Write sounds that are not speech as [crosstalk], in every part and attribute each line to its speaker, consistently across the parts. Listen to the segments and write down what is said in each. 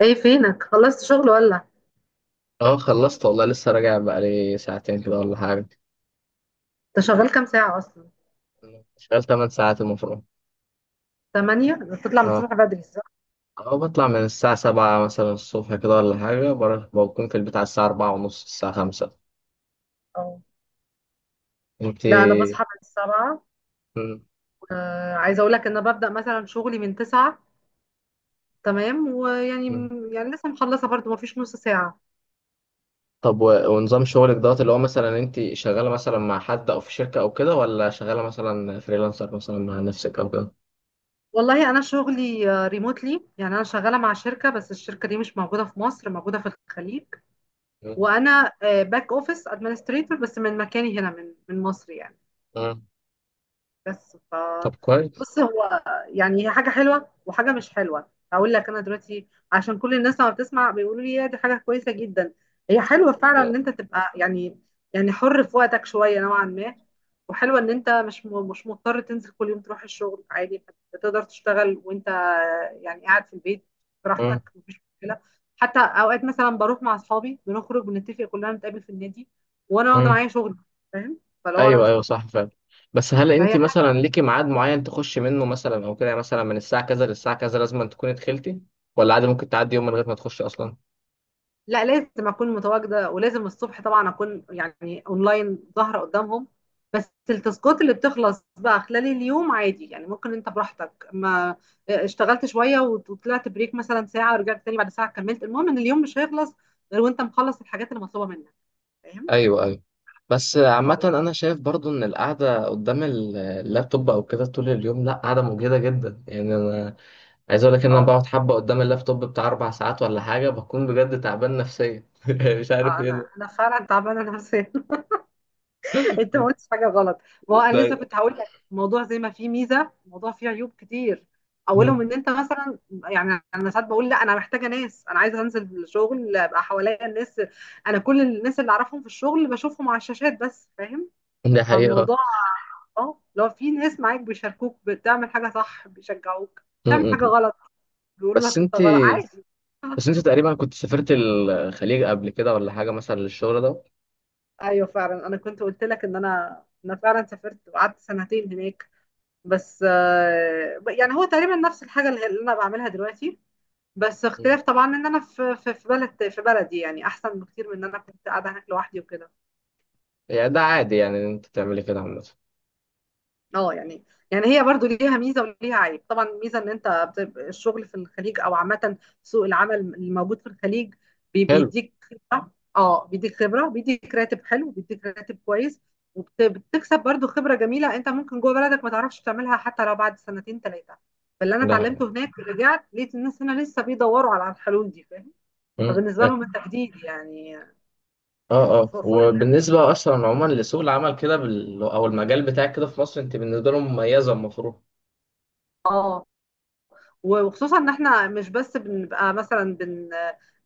Speaker 1: ايه فينك، خلصت شغل ولا؟
Speaker 2: اه، خلصت والله، لسه راجع بقالي ساعتين كده ولا حاجة.
Speaker 1: انت شغال كام ساعة اصلا؟
Speaker 2: شغال 8 ساعات المفروض.
Speaker 1: تمانية، بتطلع من
Speaker 2: اه،
Speaker 1: الصبح بدري صح؟
Speaker 2: اه، بطلع من الساعة 7 مثلا الصبح كده ولا حاجة، بروح بكون في البيت على الساعة 4 ونص، الساعة 5.
Speaker 1: اه. لا، انا
Speaker 2: انتي؟
Speaker 1: بصحى من السبعة.
Speaker 2: مم.
Speaker 1: عايزة اقول لك ان انا ببدأ مثلا شغلي من تسعة. تمام، ويعني،
Speaker 2: مم.
Speaker 1: يعني لسه مخلصة برضو ما فيش نص ساعة.
Speaker 2: طب، و- ونظام شغلك دوت، اللي هو مثلا انتي شغالة مثلا مع حد او في شركة او كده، ولا شغالة مثلا فريلانسر مثلا مع نفسك او كده؟
Speaker 1: والله انا شغلي ريموتلي، يعني انا شغالة مع شركة، بس الشركة دي مش موجودة في مصر، موجودة في الخليج.
Speaker 2: مم.
Speaker 1: وانا باك اوفيس ادمنستريتور، بس من مكاني هنا، من مصر يعني.
Speaker 2: مم.
Speaker 1: بس ف
Speaker 2: طب، كويس.
Speaker 1: بص هو، يعني هي حاجة حلوة وحاجة مش حلوة. هقول لك أنا دلوقتي، عشان كل الناس لما بتسمع بيقولوا لي يا دي حاجة كويسة جدا. هي حلوة فعلا إن أنت تبقى يعني، يعني حر في وقتك شوية نوعا ما. وحلوة إن أنت مش مضطر تنزل كل يوم تروح الشغل عادي. تقدر تشتغل وأنت يعني قاعد في البيت
Speaker 2: مم.
Speaker 1: براحتك، مفيش مشكلة. حتى أوقات مثلا بروح مع أصحابي، بنخرج بنتفق كلنا نتقابل في النادي وأنا واخدة
Speaker 2: مم.
Speaker 1: معايا شغل. فاهم؟ فلو أنا
Speaker 2: ايوه،
Speaker 1: مش
Speaker 2: ايوه،
Speaker 1: مضطر،
Speaker 2: صح فعلا. بس هل انت
Speaker 1: فهي حاجه.
Speaker 2: مثلا ليكي ميعاد معين تخشي منه مثلا او كده، يعني مثلا من الساعه كذا للساعه كذا لازم أن تكوني دخلتي، ولا عادي ممكن تعدي يوم من غير ما تخشي اصلا؟
Speaker 1: لا، لازم اكون متواجده، ولازم الصبح طبعا اكون يعني اونلاين ظاهره قدامهم. بس التاسكات اللي بتخلص بقى خلال اليوم عادي، يعني ممكن انت براحتك ما، اشتغلت شويه وطلعت بريك مثلا ساعه ورجعت تاني بعد ساعه كملت. المهم ان اليوم مش هيخلص غير وانت مخلص الحاجات اللي مطلوبه منك. فاهم؟
Speaker 2: ايوه، ايوه. بس عامة
Speaker 1: خلاص.
Speaker 2: أنا شايف برضو إن القعدة قدام اللابتوب أو كده طول اليوم لأ، قعدة مجهدة جدا يعني. أنا عايز أقول لك إن أنا
Speaker 1: اه.
Speaker 2: بقعد حبة قدام اللابتوب بتاع 4 ساعات ولا حاجة بكون بجد تعبان نفسيا [laughs] مش عارف
Speaker 1: انا
Speaker 2: إيه.
Speaker 1: انا فعلا تعبانه نفسيا. انت ما
Speaker 2: ده
Speaker 1: قلتش حاجه غلط. ما هو انا لسه
Speaker 2: ده
Speaker 1: كنت هقول لك، الموضوع زي ما فيه ميزه الموضوع فيه عيوب كتير. اولهم ان انت مثلا، يعني انا ساعات بقول لا، انا محتاجه ناس، انا عايزه انزل الشغل ابقى حواليا الناس. انا كل الناس اللي اعرفهم في الشغل بشوفهم على الشاشات بس. فاهم؟
Speaker 2: ده حقيقة.
Speaker 1: فالموضوع، اه لو في ناس معاك بيشاركوك بتعمل حاجه صح، بيشجعوك بتعمل
Speaker 2: م-
Speaker 1: حاجه
Speaker 2: م.
Speaker 1: غلط، بيقولوا
Speaker 2: بس
Speaker 1: لك انت
Speaker 2: أنت
Speaker 1: غلط عادي.
Speaker 2: بس انت تقريبا كنت سافرت الخليج قبل كده ولا حاجه مثلا للشغل ده؟
Speaker 1: ايوه فعلا، انا كنت قلت لك ان انا فعلا سافرت وقعدت سنتين هناك. بس يعني هو تقريبا نفس الحاجة اللي انا بعملها دلوقتي. بس
Speaker 2: مم.
Speaker 1: اختلاف طبعا ان انا في في بلد، في بلدي، يعني احسن بكتير من ان انا كنت قاعدة هناك لوحدي وكده.
Speaker 2: يعني ده عادي، يعني ان انت تعملي كده عامه؟
Speaker 1: اه يعني، يعني هي برضو ليها ميزه وليها عيب. طبعا الميزه ان انت الشغل في الخليج او عامه سوق العمل الموجود في الخليج
Speaker 2: حلو.
Speaker 1: بيديك خبره. اه بيديك خبره، بيديك راتب حلو، بيديك راتب كويس. وبتكسب برضو خبره جميله انت ممكن جوه بلدك ما تعرفش تعملها حتى لو بعد سنتين ثلاثه. فاللي انا
Speaker 2: ده.
Speaker 1: اتعلمته هناك ورجعت لقيت الناس هنا لسه بيدوروا على الحلول دي. فاهم؟
Speaker 2: مم.
Speaker 1: فبالنسبه
Speaker 2: اه،
Speaker 1: لهم التجديد يعني.
Speaker 2: اه،
Speaker 1: يعني ف- فل
Speaker 2: وبالنسبه اصلا عموما لسوق العمل كده بال... او المجال بتاعك كده في مصر، انت بالنسبه لهم مميزه المفروض.
Speaker 1: اه، وخصوصا ان احنا مش بس بنبقى مثلا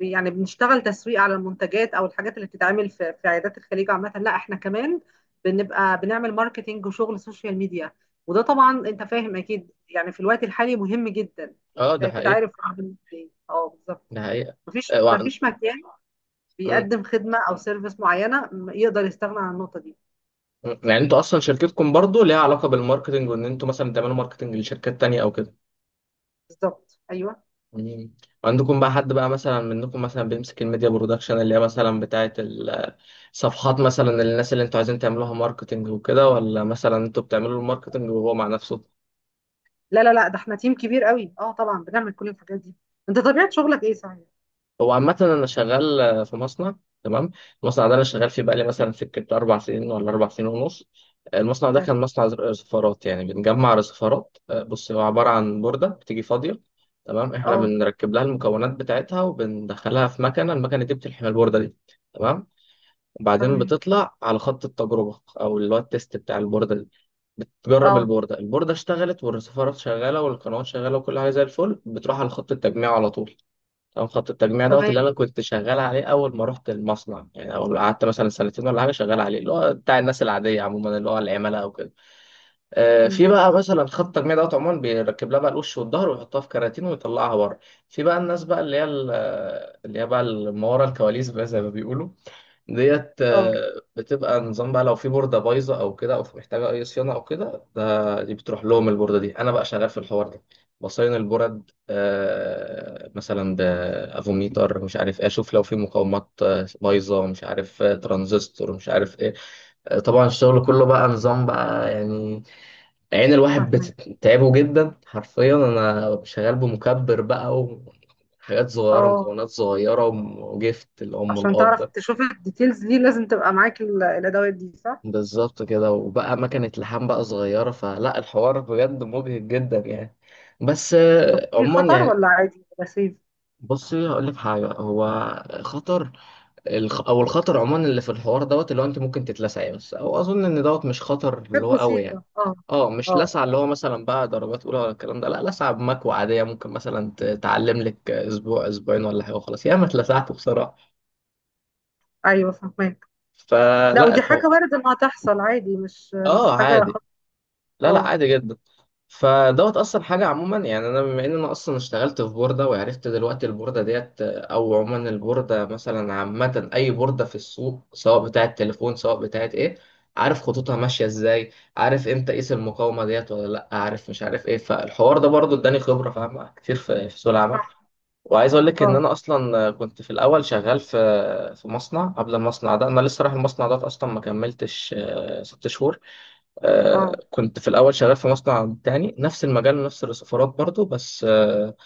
Speaker 1: يعني بنشتغل تسويق على المنتجات او الحاجات اللي بتتعمل في في عيادات الخليج. عامه، لا احنا كمان بنبقى بنعمل ماركتينج وشغل سوشيال ميديا. وده طبعا انت فاهم اكيد، يعني في الوقت الحالي مهم جدا.
Speaker 2: اه،
Speaker 1: انت
Speaker 2: ده
Speaker 1: اكيد
Speaker 2: حقيقي.
Speaker 1: عارف العالم إزاي. اه بالظبط.
Speaker 2: ده حقيقه.
Speaker 1: مفيش
Speaker 2: اه،
Speaker 1: مفيش مكان
Speaker 2: مم.
Speaker 1: بيقدم خدمه او سيرفيس معينه يقدر يستغنى عن النقطه دي.
Speaker 2: مم. يعني انتوا اصلا شركتكم برضو ليها علاقه بالماركتنج، وان انتوا مثلا بتعملوا ماركتنج لشركات تانية او كده؟
Speaker 1: بالظبط، ايوه.
Speaker 2: مم. عندكم بقى حد بقى مثلا منكم مثلا بيمسك الميديا برودكشن اللي هي مثلا بتاعه ال صفحات مثلا للناس اللي انتوا عايزين تعملوها ماركتنج وكده، ولا مثلا انتوا بتعملوا له الماركتنج وهو مع نفسه؟
Speaker 1: لا لا لا، ده احنا تيم كبير قوي، اه طبعا بنعمل كل الحاجات دي. انت طبيعه شغلك ايه صحيح؟
Speaker 2: هو عامة انا شغال في مصنع. تمام. المصنع ده انا شغال فيه بقالي مثلا سكة 4 سنين ولا 4 سنين ونص. المصنع ده كان مصنع رصفارات، يعني بنجمع رصفارات. بص، هو عبارة عن بوردة بتيجي فاضية. تمام، احنا
Speaker 1: اه.
Speaker 2: بنركب لها المكونات بتاعتها، وبندخلها في مكنة، المكنة دي بتلحم البوردة دي. تمام. وبعدين
Speaker 1: تمام.
Speaker 2: بتطلع على خط التجربة او اللي هو التيست بتاع البوردة دي. بتجرب
Speaker 1: اه.
Speaker 2: البوردة، البوردة اشتغلت والرسيفرات شغالة والقنوات شغالة وكل حاجة زي الفل، بتروح على خط التجميع على طول. تمام. خط التجميع دوت اللي
Speaker 1: تمام.
Speaker 2: أنا كنت شغال عليه أول ما رحت المصنع، يعني أول ما قعدت مثلا سنتين ولا حاجة شغال عليه، اللي هو بتاع الناس العادية عموما اللي هو العملاء أو كده.
Speaker 1: مم.
Speaker 2: في بقى مثلا خط التجميع دوت عموما بيركب لها بقى الوش والظهر ويحطها في كراتين ويطلعها بره. في بقى الناس بقى اللي هي بقى اللي ما ورا الكواليس بقى زي ما بيقولوا، ديت
Speaker 1: اه.
Speaker 2: بتبقى نظام بقى لو في بوردة بايظة أو كده، أو في محتاجة أي صيانة أو كده، ده دي بتروح لهم البوردة دي، أنا بقى شغال في الحوار ده. بصين البورد، مثلا بأفوميتر مش عارف إيه، أشوف لو في مقاومات بايظة، مش عارف، ترانزستور مش عارف إيه. طبعا الشغل كله بقى نظام بقى يعني، عين الواحد
Speaker 1: فاهمك.
Speaker 2: بتتعبه جدا حرفيا، أنا شغال بمكبر بقى وحاجات صغيرة،
Speaker 1: اه،
Speaker 2: مكونات صغيرة وجفت الأم
Speaker 1: عشان تعرف
Speaker 2: والأب.
Speaker 1: تشوف الديتيلز دي لازم تبقى معاك الادوات دي صح؟
Speaker 2: بالظبط كده. وبقى مكنة لحام بقى صغيرة، فلا الحوار بجد مبهج جدا يعني. بس
Speaker 1: في
Speaker 2: عموما
Speaker 1: خطر
Speaker 2: يعني،
Speaker 1: ولا عادي ولا سيف؟
Speaker 2: بصي هقول لك حاجة. هو خطر. الخطر عموما اللي في الحوار دوت اللي هو أنت ممكن تتلسعي بس، أو أظن إن دوت مش خطر اللي
Speaker 1: حاجات
Speaker 2: هو قوي يعني.
Speaker 1: بسيطه اه.
Speaker 2: اه،
Speaker 1: اه
Speaker 2: مش
Speaker 1: آه.
Speaker 2: لسعة اللي هو مثلا بقى درجات أولى ولا الكلام ده، لا، لسعة بمكوى عادية ممكن مثلا تعلم لك أسبوع أسبوعين ولا حاجة وخلاص، ياما اتلسعت بصراحة.
Speaker 1: ايوه فاهمك. لا
Speaker 2: فلا
Speaker 1: ودي حاجه
Speaker 2: الحوار.
Speaker 1: وارد انها تحصل عادي، مش
Speaker 2: اه،
Speaker 1: مش حاجه
Speaker 2: عادي.
Speaker 1: خطر.
Speaker 2: لا، لا،
Speaker 1: اه.
Speaker 2: عادي جدا. فدوت اصلا حاجه عموما يعني. انا بما ان انا اصلا اشتغلت في بورده وعرفت دلوقتي البورده ديت، او عموما البورده مثلا عامه اي بورده في السوق، سواء بتاعه تليفون سواء بتاعه ايه، عارف خطوطها ماشيه ازاي، عارف امتى اقيس المقاومه ديت ولا لا، عارف مش عارف ايه، فالحوار ده برضو اداني خبره فاهمه كتير في في سوق العمل.
Speaker 1: صح.
Speaker 2: وعايز اقول لك ان
Speaker 1: اه.
Speaker 2: انا اصلا كنت في الاول شغال في في مصنع قبل المصنع ده، انا لسه رايح المصنع ده اصلا ما كملتش 6 شهور.
Speaker 1: اه.
Speaker 2: كنت في الأول شغال في مصنع تاني نفس المجال ونفس السفارات برضو، بس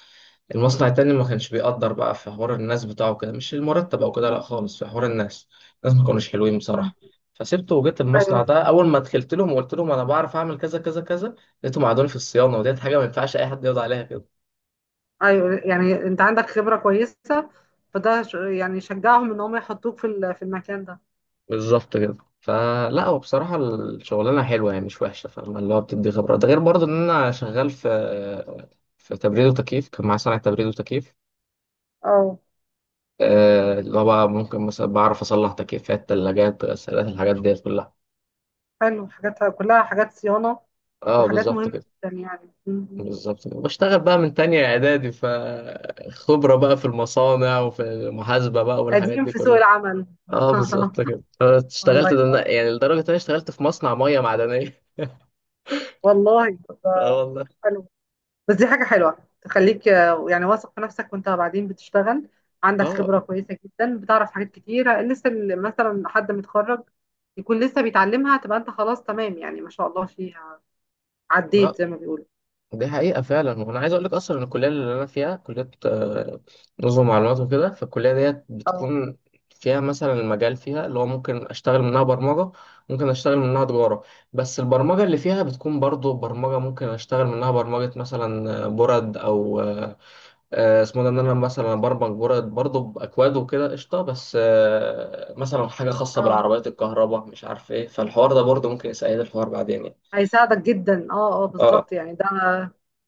Speaker 2: المصنع التاني ما كانش بيقدر بقى في حوار الناس بتاعه كده، مش المرتب أو كده لأ خالص، في حوار الناس، الناس ما كانوش حلوين بصراحة.
Speaker 1: مم.
Speaker 2: فسبته وجيت
Speaker 1: ايوه
Speaker 2: المصنع ده،
Speaker 1: فاهمك.
Speaker 2: أول ما دخلت لهم وقلت لهم أنا بعرف أعمل كذا كذا كذا، لقيتهم قعدوني في الصيانة، وديت حاجة ما ينفعش أي حد يقعد عليها كده.
Speaker 1: ايوه يعني انت عندك خبره كويسه، فده يعني يشجعهم ان هم يحطوك في المكان ده.
Speaker 2: بالظبط كده. فلا هو بصراحة الشغلانة حلوة يعني مش وحشة، فاهم، اللي هو بتدي خبرة. ده غير برضه إن أنا شغال في تبريد وتكييف، كان معايا صناعة تبريد وتكييف.
Speaker 1: اه.
Speaker 2: اللي هو بقى ممكن مثلا بعرف اصلح تكييفات تلاجات غسالات الحاجات ديت كلها.
Speaker 1: حلو، حاجاتها كلها حاجات صيانة
Speaker 2: اه،
Speaker 1: وحاجات
Speaker 2: بالظبط
Speaker 1: مهمة
Speaker 2: كده.
Speaker 1: جدا يعني
Speaker 2: بالظبط كده، بشتغل بقى من تانية اعدادي فخبرة بقى في المصانع وفي المحاسبة بقى والحاجات
Speaker 1: قديم
Speaker 2: دي
Speaker 1: في سوق
Speaker 2: كلها.
Speaker 1: العمل
Speaker 2: اه،
Speaker 1: [laughs]
Speaker 2: بالظبط كده.
Speaker 1: الله
Speaker 2: اشتغلت ده
Speaker 1: ينور.
Speaker 2: يعني لدرجة ان انا اشتغلت في مصنع مية معدنية [laughs]
Speaker 1: والله
Speaker 2: اه، والله.
Speaker 1: حلو. بس دي حاجة حلوة تخليك يعني واثق في نفسك وانت بعدين بتشتغل. عندك
Speaker 2: اه،
Speaker 1: خبرة كويسة جدا، بتعرف حاجات كتيرة لسه مثلا حد متخرج يكون لسه بيتعلمها، تبقى انت خلاص تمام يعني، ما شاء الله فيها.
Speaker 2: اه،
Speaker 1: عديت زي ما بيقولوا.
Speaker 2: دي حقيقة فعلا. وأنا عايز أقول لك أصلا إن الكلية اللي أنا فيها كلية نظم معلومات وكده، فالكلية ديت
Speaker 1: اه.
Speaker 2: بتكون فيها مثلا المجال فيها اللي هو ممكن أشتغل منها برمجة، ممكن أشتغل منها تجارة. بس البرمجة اللي فيها بتكون برضو برمجة، ممكن أشتغل منها برمجة مثلا برد أو اسمه ده، إن أنا مثلا برمج برد برضو بأكواد وكده قشطة. بس مثلا حاجة خاصة
Speaker 1: اه
Speaker 2: بالعربيات الكهرباء مش عارف إيه، فالحوار ده برضو ممكن يسأل الحوار بعدين يعني.
Speaker 1: هيساعدك جدا. اه اه بالظبط يعني ده،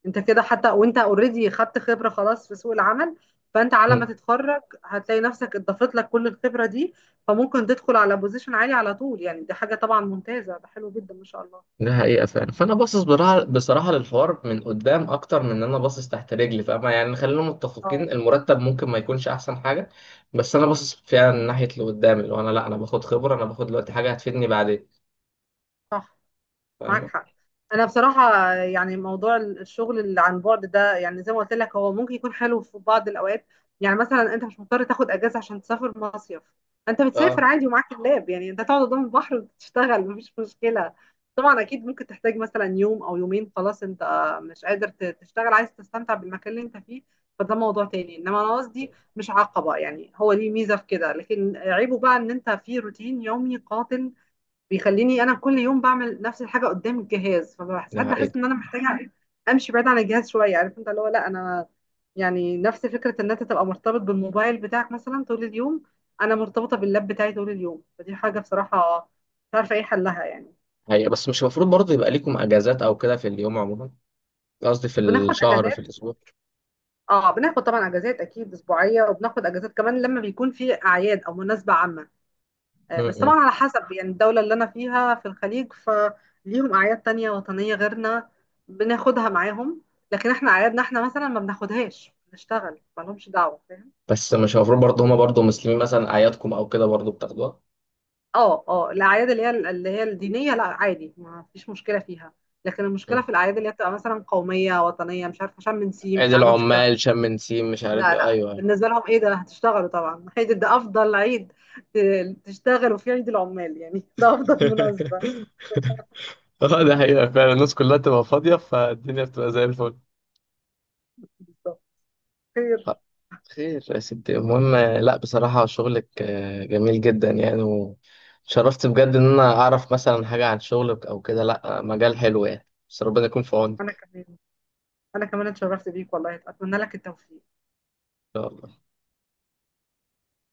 Speaker 1: انت كده حتى وانت اوريدي خدت خبرة خلاص في سوق العمل. فانت على
Speaker 2: أه،
Speaker 1: ما تتخرج هتلاقي نفسك اضافت لك كل الخبرة دي. فممكن تدخل على بوزيشن عالي على طول، يعني دي حاجة طبعا ممتازة، ده حلو جدا ما شاء الله.
Speaker 2: ده حقيقة فعلا. فأنا باصص بصراحة، بصراحة للحوار من قدام أكتر من إن أنا باصص تحت رجلي، فاهمة يعني، خلينا
Speaker 1: اه.
Speaker 2: متفقين المرتب ممكن ما يكونش أحسن حاجة، بس أنا باصص فعلا من ناحية اللي قدام، اللي هو أنا لأ، أنا باخد خبرة، أنا باخد دلوقتي حاجة هتفيدني بعدين.
Speaker 1: صح. معاك
Speaker 2: فاهمة؟
Speaker 1: حق. انا بصراحه يعني موضوع الشغل اللي عن بعد ده، يعني زي ما قلت لك هو ممكن يكون حلو في بعض الاوقات. يعني مثلا انت مش مضطر تاخد اجازه عشان تسافر مصيف. انت بتسافر
Speaker 2: أه،
Speaker 1: عادي ومعاك اللاب، يعني انت تقعد قدام البحر وتشتغل مفيش مشكله. طبعا اكيد ممكن تحتاج مثلا يوم او يومين خلاص، انت مش قادر تشتغل، عايز تستمتع بالمكان اللي انت فيه. فده موضوع تاني. انما انا قصدي مش عقبه، يعني هو ليه ميزه في كده. لكن عيبه بقى ان انت في روتين يومي قاتل، بيخليني انا كل يوم بعمل نفس الحاجه قدام الجهاز، فبحس
Speaker 2: ده
Speaker 1: ساعات بحس
Speaker 2: حقيقة.
Speaker 1: ان انا محتاجه [laughs] امشي بعيد عن الجهاز شويه. عارف انت اللي هو، لا انا يعني نفس فكره ان انت تبقى مرتبط بالموبايل بتاعك مثلا طول اليوم. انا مرتبطه باللاب بتاعي طول اليوم، فدي حاجه بصراحه مش عارفه ايه حلها يعني.
Speaker 2: حقيقة. بس مش المفروض برضه يبقى ليكم أجازات أو كده في اليوم عموما، قصدي في
Speaker 1: بناخد
Speaker 2: الشهر
Speaker 1: اجازات.
Speaker 2: في الأسبوع؟
Speaker 1: اه بناخد طبعا اجازات اكيد اسبوعيه، وبناخد اجازات كمان لما بيكون في اعياد او مناسبه عامه. بس طبعا
Speaker 2: م-م.
Speaker 1: على حسب، يعني الدولة اللي أنا فيها في الخليج فليهم أعياد تانية وطنية غيرنا، بناخدها معاهم. لكن احنا أعيادنا احنا مثلا ما بناخدهاش، بنشتغل مالهمش دعوة. فاهم؟
Speaker 2: بس مش المفروض برضه هما برضه مسلمين مثلا أعيادكم أو كده برضه بتاخدوها؟
Speaker 1: اه اه، الأعياد اللي هي الدينية لا عادي ما فيش مشكلة فيها. لكن
Speaker 2: م.
Speaker 1: المشكلة في الأعياد اللي هي بتبقى مثلا قومية وطنية، مش عارفة شم نسيم،
Speaker 2: عيد
Speaker 1: يعني عندهمش الكلام
Speaker 2: العمال،
Speaker 1: ده.
Speaker 2: شم نسيم، مش عارف
Speaker 1: لا
Speaker 2: إيه،
Speaker 1: لا،
Speaker 2: أيوه، أيوه.
Speaker 1: بالنسبة لهم ايه ده هتشتغلوا طبعا، عيد ده أفضل عيد تشتغلوا في عيد العمال، يعني [laughs] ده أفضل مناسبة.
Speaker 2: [laughs] [laughs] اه، ده حقيقة فعلا، الناس كلها تبقى فاضية فالدنيا بتبقى زي الفل.
Speaker 1: بالظبط. خير.
Speaker 2: آه، خير يا ستي. المهم، لا بصراحة شغلك جميل جدا يعني، وشرفت بجد إن أنا أعرف مثلا حاجة عن شغلك أو كده، لا، مجال حلو يعني، بس ربنا يكون في
Speaker 1: أنا
Speaker 2: عونك.
Speaker 1: كمان انا كمان اتشرفت بيك والله، اتمنى لك التوفيق.
Speaker 2: إن شاء الله.